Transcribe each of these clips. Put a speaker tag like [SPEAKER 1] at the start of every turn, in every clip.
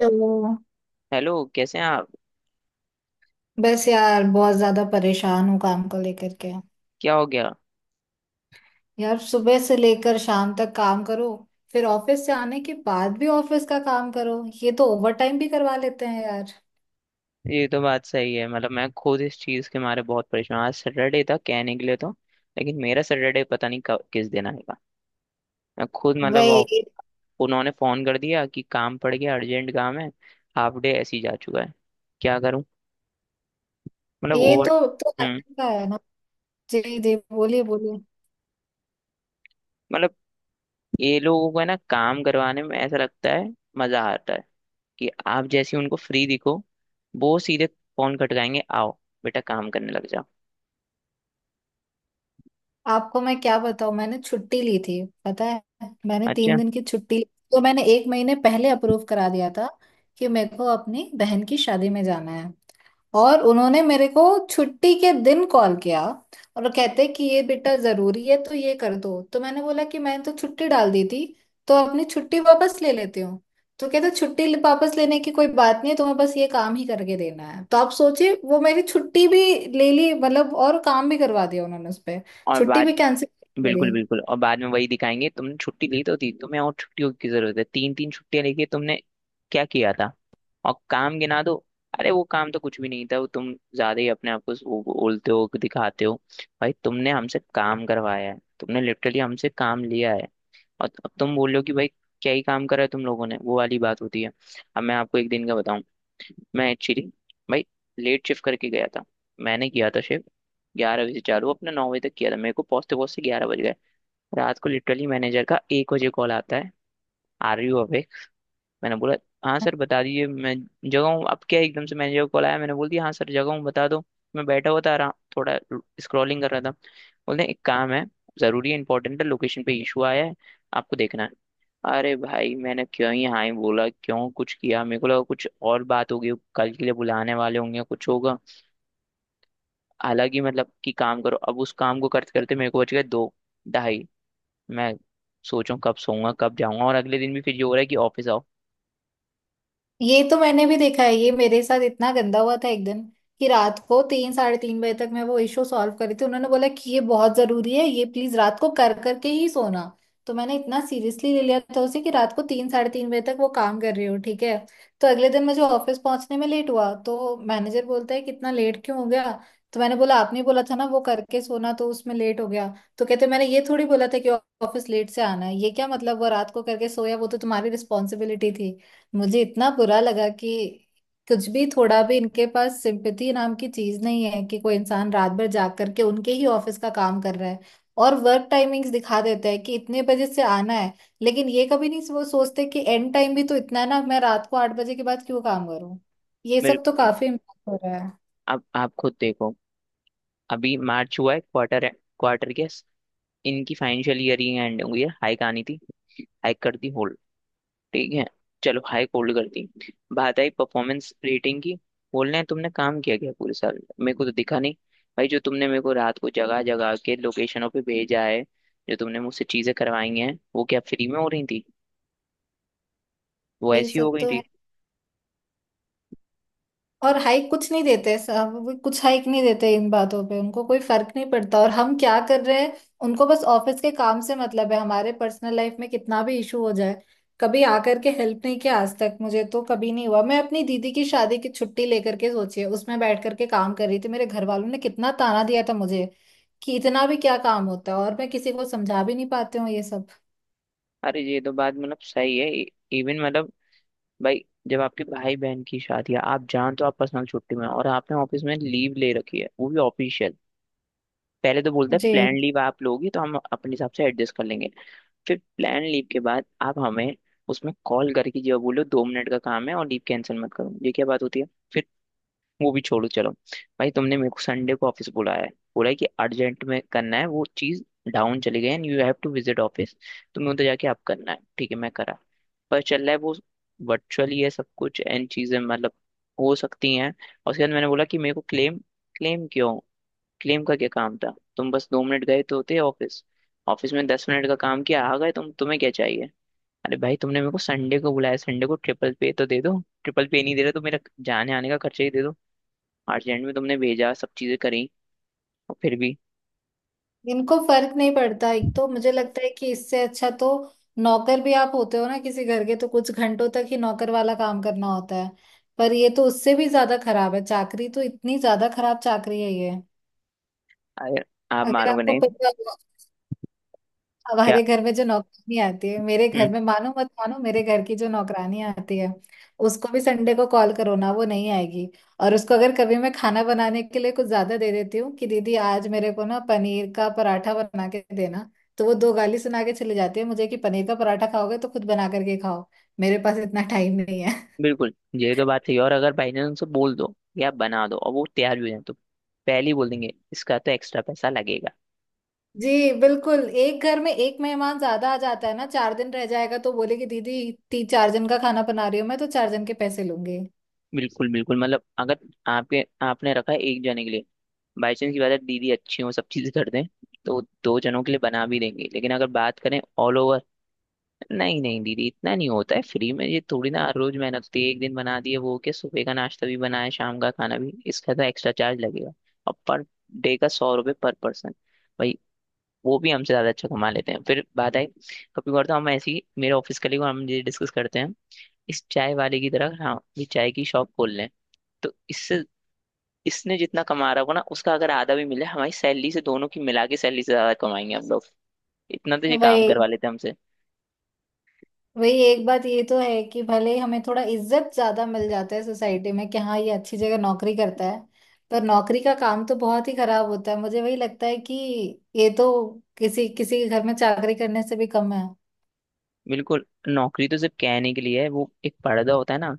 [SPEAKER 1] तो
[SPEAKER 2] हेलो, कैसे हैं आप।
[SPEAKER 1] बस यार बहुत ज्यादा परेशान हूँ काम को लेकर के।
[SPEAKER 2] क्या हो गया।
[SPEAKER 1] यार सुबह से लेकर शाम तक काम करो, फिर ऑफिस से आने के बाद भी ऑफिस का काम करो, ये तो ओवर टाइम भी करवा लेते हैं यार।
[SPEAKER 2] ये तो बात सही है। मतलब मैं खुद इस चीज़ के मारे बहुत परेशान हूं। आज सैटरडे था कहने के लिए तो, लेकिन मेरा सैटरडे पता नहीं कब किस दिन आएगा। मैं खुद मतलब
[SPEAKER 1] वही।
[SPEAKER 2] उन्होंने फ़ोन कर दिया कि काम पड़ गया, अर्जेंट काम है। हाफ डे ऐसे ही जा चुका है। क्या करूं। मतलब
[SPEAKER 1] ये
[SPEAKER 2] ओवर
[SPEAKER 1] तो हर
[SPEAKER 2] हम्म
[SPEAKER 1] का है ना। जी जी, बोलिए बोलिए।
[SPEAKER 2] मतलब ये लोगों को है ना काम करवाने में ऐसा लगता है, मज़ा आता है कि आप जैसे उनको फ्री दिखो, वो सीधे फ़ोन खटकाएंगे, आओ बेटा काम करने लग जाओ।
[SPEAKER 1] आपको मैं क्या बताऊं, मैंने छुट्टी ली थी पता है। मैंने
[SPEAKER 2] अच्छा।
[SPEAKER 1] 3 दिन की छुट्टी ली, तो मैंने एक महीने पहले अप्रूव करा दिया था कि मेरे को अपनी बहन की शादी में जाना है। और उन्होंने मेरे को छुट्टी के दिन कॉल किया, और वो कहते कि ये बेटा जरूरी है तो ये कर दो। तो मैंने बोला कि मैंने तो छुट्टी डाल दी थी, तो अपनी छुट्टी वापस ले लेती हूँ। तो कहते वापस लेने की कोई बात नहीं है, तुम्हें बस ये काम ही करके देना है। तो आप सोचिए वो मेरी छुट्टी भी ले ली मतलब, और काम भी करवा दिया उन्होंने उस
[SPEAKER 2] और
[SPEAKER 1] छुट्टी भी
[SPEAKER 2] बात।
[SPEAKER 1] कैंसिल मेरी।
[SPEAKER 2] बिल्कुल बिल्कुल, और बाद में वही दिखाएंगे, तुमने छुट्टी ली तो थी, तुम्हें और छुट्टियों की जरूरत है। तीन तीन छुट्टियां लेके तुमने क्या किया था। और काम गिना दो। अरे वो काम तो कुछ भी नहीं था, वो तुम ज्यादा ही अपने आप को वो बोलते हो, दिखाते हो। भाई तुमने हमसे काम करवाया है, तुमने लिटरली हमसे काम लिया है। और अब तुम बोल रहे हो कि भाई क्या ही काम करा है तुम लोगों ने। वो वाली बात होती है। अब मैं आपको एक दिन का बताऊं। मैं एक्चुअली भाई लेट शिफ्ट करके गया था। मैंने किया था शिफ्ट 11 बजे चालू, अपने 9 बजे तक किया था। मेरे को पहुंचते पहुंचते 11 बज गए रात को। लिटरली मैनेजर का 1 बजे कॉल आता है, आर यू अवेक। मैंने बोला, हाँ सर बता दीजिए, मैं जगह हूँ। अब क्या एकदम से मैनेजर का कॉल आया, मैंने बोल दिया हाँ सर जगह हूँ, बता दो। मैं बैठा हुआ था आराम, थोड़ा स्क्रॉलिंग कर रहा था। बोलते हैं, एक काम है, जरूरी है, इंपॉर्टेंट है, लोकेशन पे इशू आया है, आपको देखना है। अरे भाई मैंने क्यों ही हाँ ही बोला, क्यों कुछ किया। मेरे को लगा कुछ और बात होगी, कल के लिए बुलाने वाले होंगे, कुछ होगा। हालांकि मतलब कि काम करो। अब उस काम को करते करते मेरे को बच गए दो ढाई। मैं सोचूं कब सोऊंगा कब जाऊंगा, और अगले दिन भी फिर ये हो रहा है कि ऑफिस आओ।
[SPEAKER 1] ये तो मैंने भी देखा है, ये मेरे साथ इतना गंदा हुआ था एक दिन कि रात को तीन, साढ़े तीन बजे तक मैं वो इशू सॉल्व कर रही थी। उन्होंने बोला कि ये बहुत जरूरी है ये प्लीज रात को कर करके ही सोना। तो मैंने इतना सीरियसली ले लिया था उसे कि रात को तीन, साढ़े तीन बजे तक वो काम कर रही हूँ ठीक है। तो अगले दिन मुझे ऑफिस पहुंचने में लेट हुआ, तो मैनेजर बोलता है कि इतना लेट क्यों हो गया। तो मैंने बोला आपने बोला था ना वो करके सोना, तो उसमें लेट हो गया। तो कहते मैंने ये थोड़ी बोला था कि ऑफिस लेट से आना है, ये क्या मतलब, वो रात को करके सोया वो तो तुम्हारी रिस्पॉन्सिबिलिटी थी। मुझे इतना बुरा लगा कि कुछ भी थोड़ा भी इनके पास सिंपैथी नाम की चीज नहीं है, कि कोई इंसान रात भर जाग करके उनके ही ऑफिस का काम कर रहा है। और वर्क टाइमिंग्स दिखा देते हैं कि इतने बजे से आना है, लेकिन ये कभी नहीं वो सोचते कि एंड टाइम भी तो इतना है ना, मैं रात को 8 बजे के बाद क्यों काम करूं। ये सब तो
[SPEAKER 2] बिल्कुल।
[SPEAKER 1] काफी इम्पैक्ट हो रहा है।
[SPEAKER 2] अब आप खुद देखो, अभी मार्च हुआ है, क्वार्टर है, क्वार्टर के इनकी फाइनेंशियल ईयर ही एंड हुई है, हाइक आनी थी। हाइक कर दी होल्ड। ठीक है, चलो हाइक होल्ड कर दी। बात आई परफॉर्मेंस रेटिंग की, बोल रहे हैं तुमने काम किया क्या पूरे साल, मेरे को तो दिखा नहीं। भाई जो तुमने मेरे को रात को जगह जगह के लोकेशनों पे भेजा है, जो तुमने मुझसे चीजें करवाई हैं, वो क्या फ्री में हो रही थी। वो
[SPEAKER 1] ये
[SPEAKER 2] ऐसी हो
[SPEAKER 1] सब
[SPEAKER 2] गई
[SPEAKER 1] तो
[SPEAKER 2] थी।
[SPEAKER 1] है, और हाइक कुछ नहीं देते साहब, वो कुछ हाइक नहीं देते, इन बातों पे उनको कोई फर्क नहीं पड़ता और हम क्या कर रहे हैं। उनको बस ऑफिस के काम से मतलब है, हमारे पर्सनल लाइफ में कितना भी इशू हो जाए, कभी आकर के हेल्प नहीं किया आज तक। मुझे तो कभी नहीं हुआ, मैं अपनी दीदी की शादी की छुट्टी लेकर के सोचिए उसमें बैठ करके काम कर रही थी। मेरे घर वालों ने कितना ताना दिया था मुझे कि इतना भी क्या काम होता है, और मैं किसी को समझा भी नहीं पाती हूँ ये सब।
[SPEAKER 2] अरे ये तो बात मतलब सही है। इवन मतलब भाई जब आपके भाई बहन की शादी है, आप जान तो आप पर्सनल छुट्टी में हो, और आपने ऑफिस में लीव ले रखी है वो भी ऑफिशियल। पहले तो बोलता है
[SPEAKER 1] जी।
[SPEAKER 2] प्लान लीव आप लोगी तो हम अपने हिसाब से एडजस्ट कर लेंगे। फिर प्लान लीव के बाद आप हमें उसमें कॉल करके जो बोलो 2 मिनट का काम है, और लीव कैंसिल मत करो, ये क्या बात होती है। फिर वो भी छोड़ो चलो। भाई तुमने मेरे को संडे को ऑफिस बुलाया है, बोला है कि अर्जेंट में करना है वो चीज, डाउन चली गई and you have to visit office, तुम्हें उधर जाके आप करना है। ठीक है मैं करा, पर चल रहा है वो, वर्चुअली है सब कुछ एंड चीजें मतलब हो सकती हैं। और उसके बाद मैंने बोला कि मेरे को क्लेम। क्लेम क्यों, क्लेम का क्या काम था, तुम बस 2 मिनट गए तो होते ऑफिस। ऑफिस में 10 मिनट का काम किया, आ गए तुम, तुम्हें क्या चाहिए। अरे भाई तुमने मेरे को संडे को बुलाया, संडे को ट्रिपल पे तो दे दो। ट्रिपल पे नहीं दे रहे तो मेरा जाने आने का खर्चा ही दे दो। आर्टलैंड में तुमने भेजा, सब चीजें करी, और फिर भी।
[SPEAKER 1] इनको फर्क नहीं पड़ता, एक तो मुझे लगता है कि इससे अच्छा तो नौकर भी आप होते हो ना किसी घर के, तो कुछ घंटों तक ही नौकर वाला काम करना होता है। पर ये तो उससे भी ज्यादा खराब है, चाकरी तो इतनी ज्यादा खराब चाकरी है ये।
[SPEAKER 2] अगर आप
[SPEAKER 1] अगर
[SPEAKER 2] मानोगे
[SPEAKER 1] आपको
[SPEAKER 2] नहीं।
[SPEAKER 1] पता हो,
[SPEAKER 2] क्या।
[SPEAKER 1] हमारे घर में जो नौकरानी आती है, मेरे
[SPEAKER 2] हम्म
[SPEAKER 1] घर में, मानो मत मानो, मेरे घर की जो नौकरानी आती है उसको भी संडे को कॉल करो ना, वो नहीं आएगी। और उसको अगर कभी मैं खाना बनाने के लिए कुछ ज्यादा दे देती हूँ कि दीदी आज मेरे को ना पनीर का पराठा बना के देना, तो वो दो गाली सुना के चली जाती है मुझे कि पनीर का पराठा खाओगे तो खुद बना करके खाओ, मेरे पास इतना टाइम नहीं है।
[SPEAKER 2] बिल्कुल, ये तो बात सही है। और अगर बाई चांस उनसे बोल दो या बना दो और वो तैयार भी हो जाए, तो पहले ही बोल देंगे इसका तो एक्स्ट्रा पैसा लगेगा।
[SPEAKER 1] जी बिल्कुल। एक घर में एक मेहमान ज्यादा आ जाता है ना, 4 दिन रह जाएगा तो बोले कि दीदी तीन चार जन का खाना बना रही हूँ मैं, तो चार जन के पैसे लूंगी।
[SPEAKER 2] बिल्कुल बिल्कुल। मतलब अगर आपके आपने रखा है एक जने के लिए, बाई चांस की बात है दीदी अच्छी हो, सब चीजें कर दें, तो दो जनों के लिए बना भी देंगे। लेकिन अगर बात करें ऑल ओवर, नहीं नहीं दीदी इतना नहीं होता है फ्री में, ये थोड़ी ना हर रोज मेहनत होती है। एक दिन बना दिए वो क्या, सुबह का नाश्ता भी बनाए शाम का खाना भी, इसका तो एक्स्ट्रा चार्ज लगेगा। और पर डे का 100 रुपये पर पर्सन। भाई वो भी हमसे ज्यादा अच्छा कमा लेते हैं। फिर बात आई, कभी कभार तो हम ऐसे ही, मेरे ऑफिस कलीग और हम ये डिस्कस करते हैं, इस चाय वाले की तरह हाँ ये चाय की शॉप खोल लें तो इससे, इसने जितना कमा रहा होगा ना उसका अगर आधा भी मिले, हमारी सैलरी से दोनों की मिला के सैलरी से ज्यादा कमाएंगे हम लोग। इतना तो ये काम
[SPEAKER 1] वही।
[SPEAKER 2] करवा लेते हैं।
[SPEAKER 1] एक बात ये तो है कि भले ही हमें थोड़ा इज्जत ज्यादा मिल जाता है सोसाइटी में कि हाँ ये अच्छी जगह नौकरी करता है, पर नौकरी का काम तो बहुत ही खराब होता है। मुझे वही लगता है कि ये तो किसी किसी के घर में चाकरी करने से भी कम है।
[SPEAKER 2] बिल्कुल, नौकरी तो सिर्फ कहने के लिए है, वो एक पर्दा होता है ना,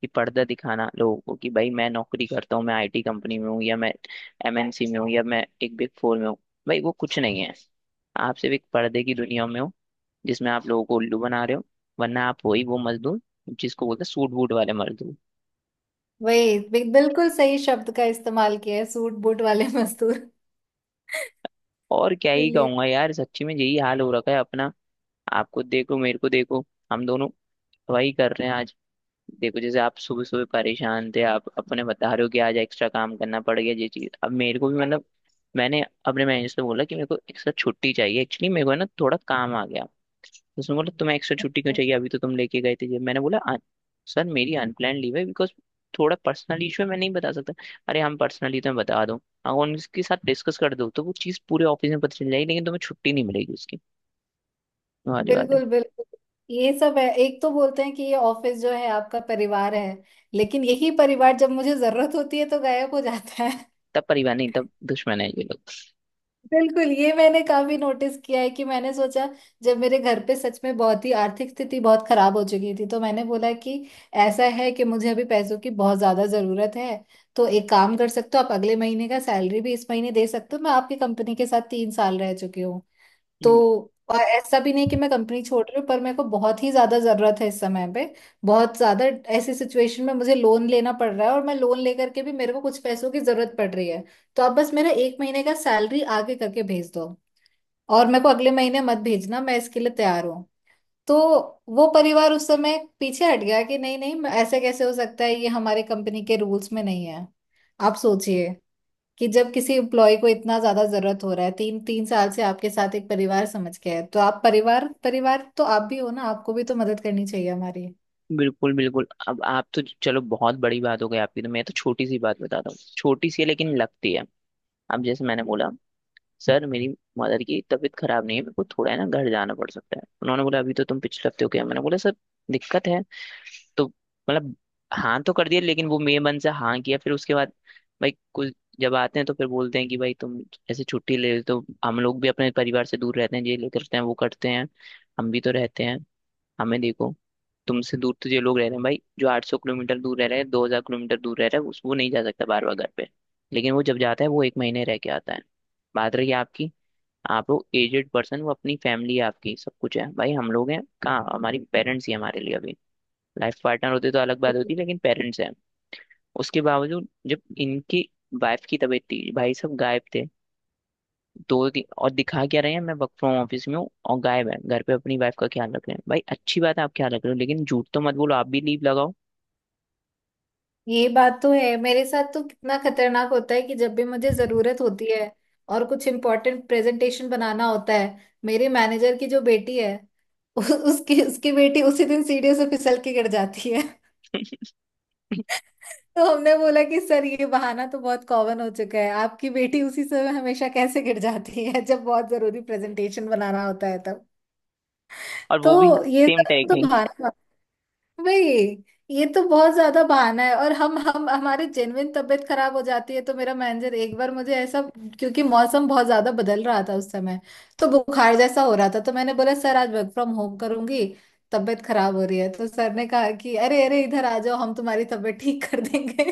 [SPEAKER 2] कि पर्दा दिखाना लोगों को कि भाई मैं नौकरी करता हूँ, मैं आईटी कंपनी में हूँ, या मैं एमएनसी में हूँ, या मैं एक बिग फोर में हूँ। भाई वो कुछ नहीं है, आप सिर्फ एक पर्दे की दुनिया में हो, जिसमें आप लोगों को उल्लू बना रहे हो। वरना आप वही वो मजदूर, जिसको बोलते हैं सूट बूट वाले मजदूर।
[SPEAKER 1] वही बिल्कुल सही शब्द का इस्तेमाल किया है, सूट बूट वाले मजदूर।
[SPEAKER 2] और क्या ही
[SPEAKER 1] इसलिए
[SPEAKER 2] कहूंगा यार, सच्ची में यही हाल हो रखा है अपना। आपको देखो, मेरे को देखो, हम दोनों वही कर रहे हैं। देखो जैसे आप सुबह सुबह परेशान थे, आप अपने बता रहे हो कि आज एक्स्ट्रा काम करना पड़ गया, ये चीज अब मेरे को भी मतलब। मैंने अपने मैनेजर से बोला कि मेरे को एक्स्ट्रा छुट्टी चाहिए, एक्चुअली मेरे को है ना थोड़ा काम आ गया। तो उसने बोला तुम्हें एक्स्ट्रा छुट्टी क्यों चाहिए, अभी तो तुम लेके गए थे। ये मैंने बोला, सर मेरी अनप्लान लीव है बिकॉज थोड़ा पर्सनल इशू है, मैं नहीं बता सकता। अरे हम पर्सनली तुम्हें बता दो, अगर उनके साथ डिस्कस कर दो तो वो चीज़ पूरे ऑफिस में पता चल जाएगी, लेकिन तुम्हें छुट्टी नहीं मिलेगी उसकी। वो वाली बात है।
[SPEAKER 1] बिल्कुल बिल्कुल। ये सब है, एक तो बोलते हैं कि ये ऑफिस जो है आपका परिवार है, लेकिन यही परिवार जब मुझे जरूरत होती है तो गायब हो जाता।
[SPEAKER 2] तब परिवार नहीं, तब दुश्मन है ये लोग।
[SPEAKER 1] बिल्कुल, ये मैंने काफी नोटिस किया है कि मैंने सोचा, जब मेरे घर पे सच में बहुत ही आर्थिक स्थिति बहुत खराब हो चुकी थी, तो मैंने बोला कि ऐसा है कि मुझे अभी पैसों की बहुत ज्यादा जरूरत है, तो एक काम कर सकते हो आप, अगले महीने का सैलरी भी इस महीने दे सकते हो। मैं आपकी कंपनी के साथ 3 साल रह चुकी हूँ, तो और ऐसा भी नहीं कि मैं कंपनी छोड़ रही हूँ, पर मेरे को बहुत ही ज्यादा जरूरत है इस समय पे, बहुत ज्यादा। ऐसी सिचुएशन में मुझे लोन लेना पड़ रहा है, और मैं लोन लेकर के भी मेरे को कुछ पैसों की जरूरत पड़ रही है। तो आप बस मेरा एक महीने का सैलरी आगे करके भेज दो, और मेरे को अगले महीने मत भेजना, मैं इसके लिए तैयार हूँ। तो वो परिवार उस समय पीछे हट गया कि नहीं नहीं ऐसे कैसे हो सकता है, ये हमारे कंपनी के रूल्स में नहीं है। आप सोचिए कि जब किसी एम्प्लॉय को इतना ज्यादा जरूरत हो रहा है, 3-3 साल से आपके साथ एक परिवार समझ के है, तो आप परिवार परिवार तो आप भी हो ना, आपको भी तो मदद करनी चाहिए हमारी।
[SPEAKER 2] बिल्कुल बिल्कुल। अब आप तो चलो बहुत बड़ी बात हो गई आपकी, तो मैं तो छोटी सी बात बताता हूँ, छोटी सी है लेकिन लगती है। अब जैसे मैंने बोला सर मेरी मदर की तबीयत खराब नहीं है, मेरे को थोड़ा है ना घर जाना पड़ सकता है। उन्होंने बोला अभी तो तुम पिछले हफ्ते हो गया। मैंने बोला सर दिक्कत है तो, मतलब। हाँ तो कर दिया, लेकिन वो मे मन से हाँ किया। फिर उसके बाद भाई कुछ जब आते हैं तो फिर बोलते हैं कि भाई तुम ऐसे छुट्टी ले, तो हम लोग भी अपने परिवार से दूर रहते हैं, ये लेते रहते हैं, वो करते हैं, हम भी तो रहते हैं। हमें देखो, तुमसे दूर तो ये लोग रह रहे हैं भाई, जो 800 किलोमीटर दूर रह रहे हैं, 2000 किलोमीटर दूर रह रहा है, उस वो नहीं जा सकता बार बार घर पे। लेकिन वो जब जाता है वो एक महीने रह के आता है। बात रही आपकी, आप लोग एजेड पर्सन, वो अपनी फैमिली है आपकी सब कुछ है। भाई हम लोग हैं कहाँ, हमारी पेरेंट्स ही हमारे लिए अभी, लाइफ पार्टनर होते तो अलग बात होती लेकिन पेरेंट्स हैं। उसके बावजूद जब इनकी वाइफ की तबीयत थी, भाई सब गायब थे। और दिखा क्या रहे हैं, मैं वर्क फ्रॉम ऑफिस में हूँ, और गायब है घर पे, अपनी वाइफ का ख्याल रख रहे हैं। भाई अच्छी बात है आप ख्याल रख रहे हो, लेकिन झूठ तो मत बोलो, आप भी लीव लगाओ।
[SPEAKER 1] ये बात तो है, मेरे साथ तो कितना खतरनाक होता है कि जब भी मुझे जरूरत होती है और कुछ इम्पोर्टेंट प्रेजेंटेशन बनाना होता है, मेरे मैनेजर की जो बेटी है उ- उसकी उसकी बेटी उसी दिन सीढ़ियों से फिसल के गिर जाती है। तो हमने बोला कि सर ये बहाना तो बहुत कॉमन हो चुका है, आपकी बेटी उसी समय हमेशा कैसे गिर जाती है जब बहुत जरूरी प्रेजेंटेशन बनाना होता है तब।
[SPEAKER 2] और वो भी
[SPEAKER 1] तो ये
[SPEAKER 2] सेम
[SPEAKER 1] सब तो
[SPEAKER 2] टेक्निक।
[SPEAKER 1] बहाना, भाई ये तो बहुत ज्यादा बहाना है। और हम हमारी जेन्युइन तबीयत खराब हो जाती है तो मेरा मैनेजर एक बार मुझे ऐसा, क्योंकि मौसम बहुत ज्यादा बदल रहा था उस समय, तो बुखार जैसा हो रहा था। तो मैंने बोला सर आज वर्क फ्रॉम होम करूंगी, तबीयत खराब हो रही है, तो सर ने कहा कि अरे अरे इधर आ जाओ हम तुम्हारी तबीयत ठीक कर देंगे।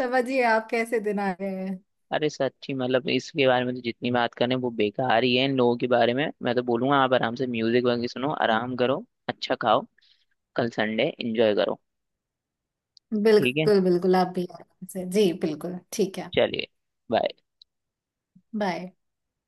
[SPEAKER 1] समझिए आप कैसे दिन आ गए हैं।
[SPEAKER 2] अरे सच्ची मतलब, इसके बारे में तो जितनी बात करें वो बेकार ही है इन लोगों के बारे में। मैं तो बोलूंगा आप आराम से म्यूजिक वगैरह सुनो, आराम करो, अच्छा खाओ, कल संडे एंजॉय करो। ठीक है।
[SPEAKER 1] बिल्कुल बिल्कुल, आप भी आराम से जी, बिल्कुल ठीक है।
[SPEAKER 2] चलिए। बाय।
[SPEAKER 1] बाय।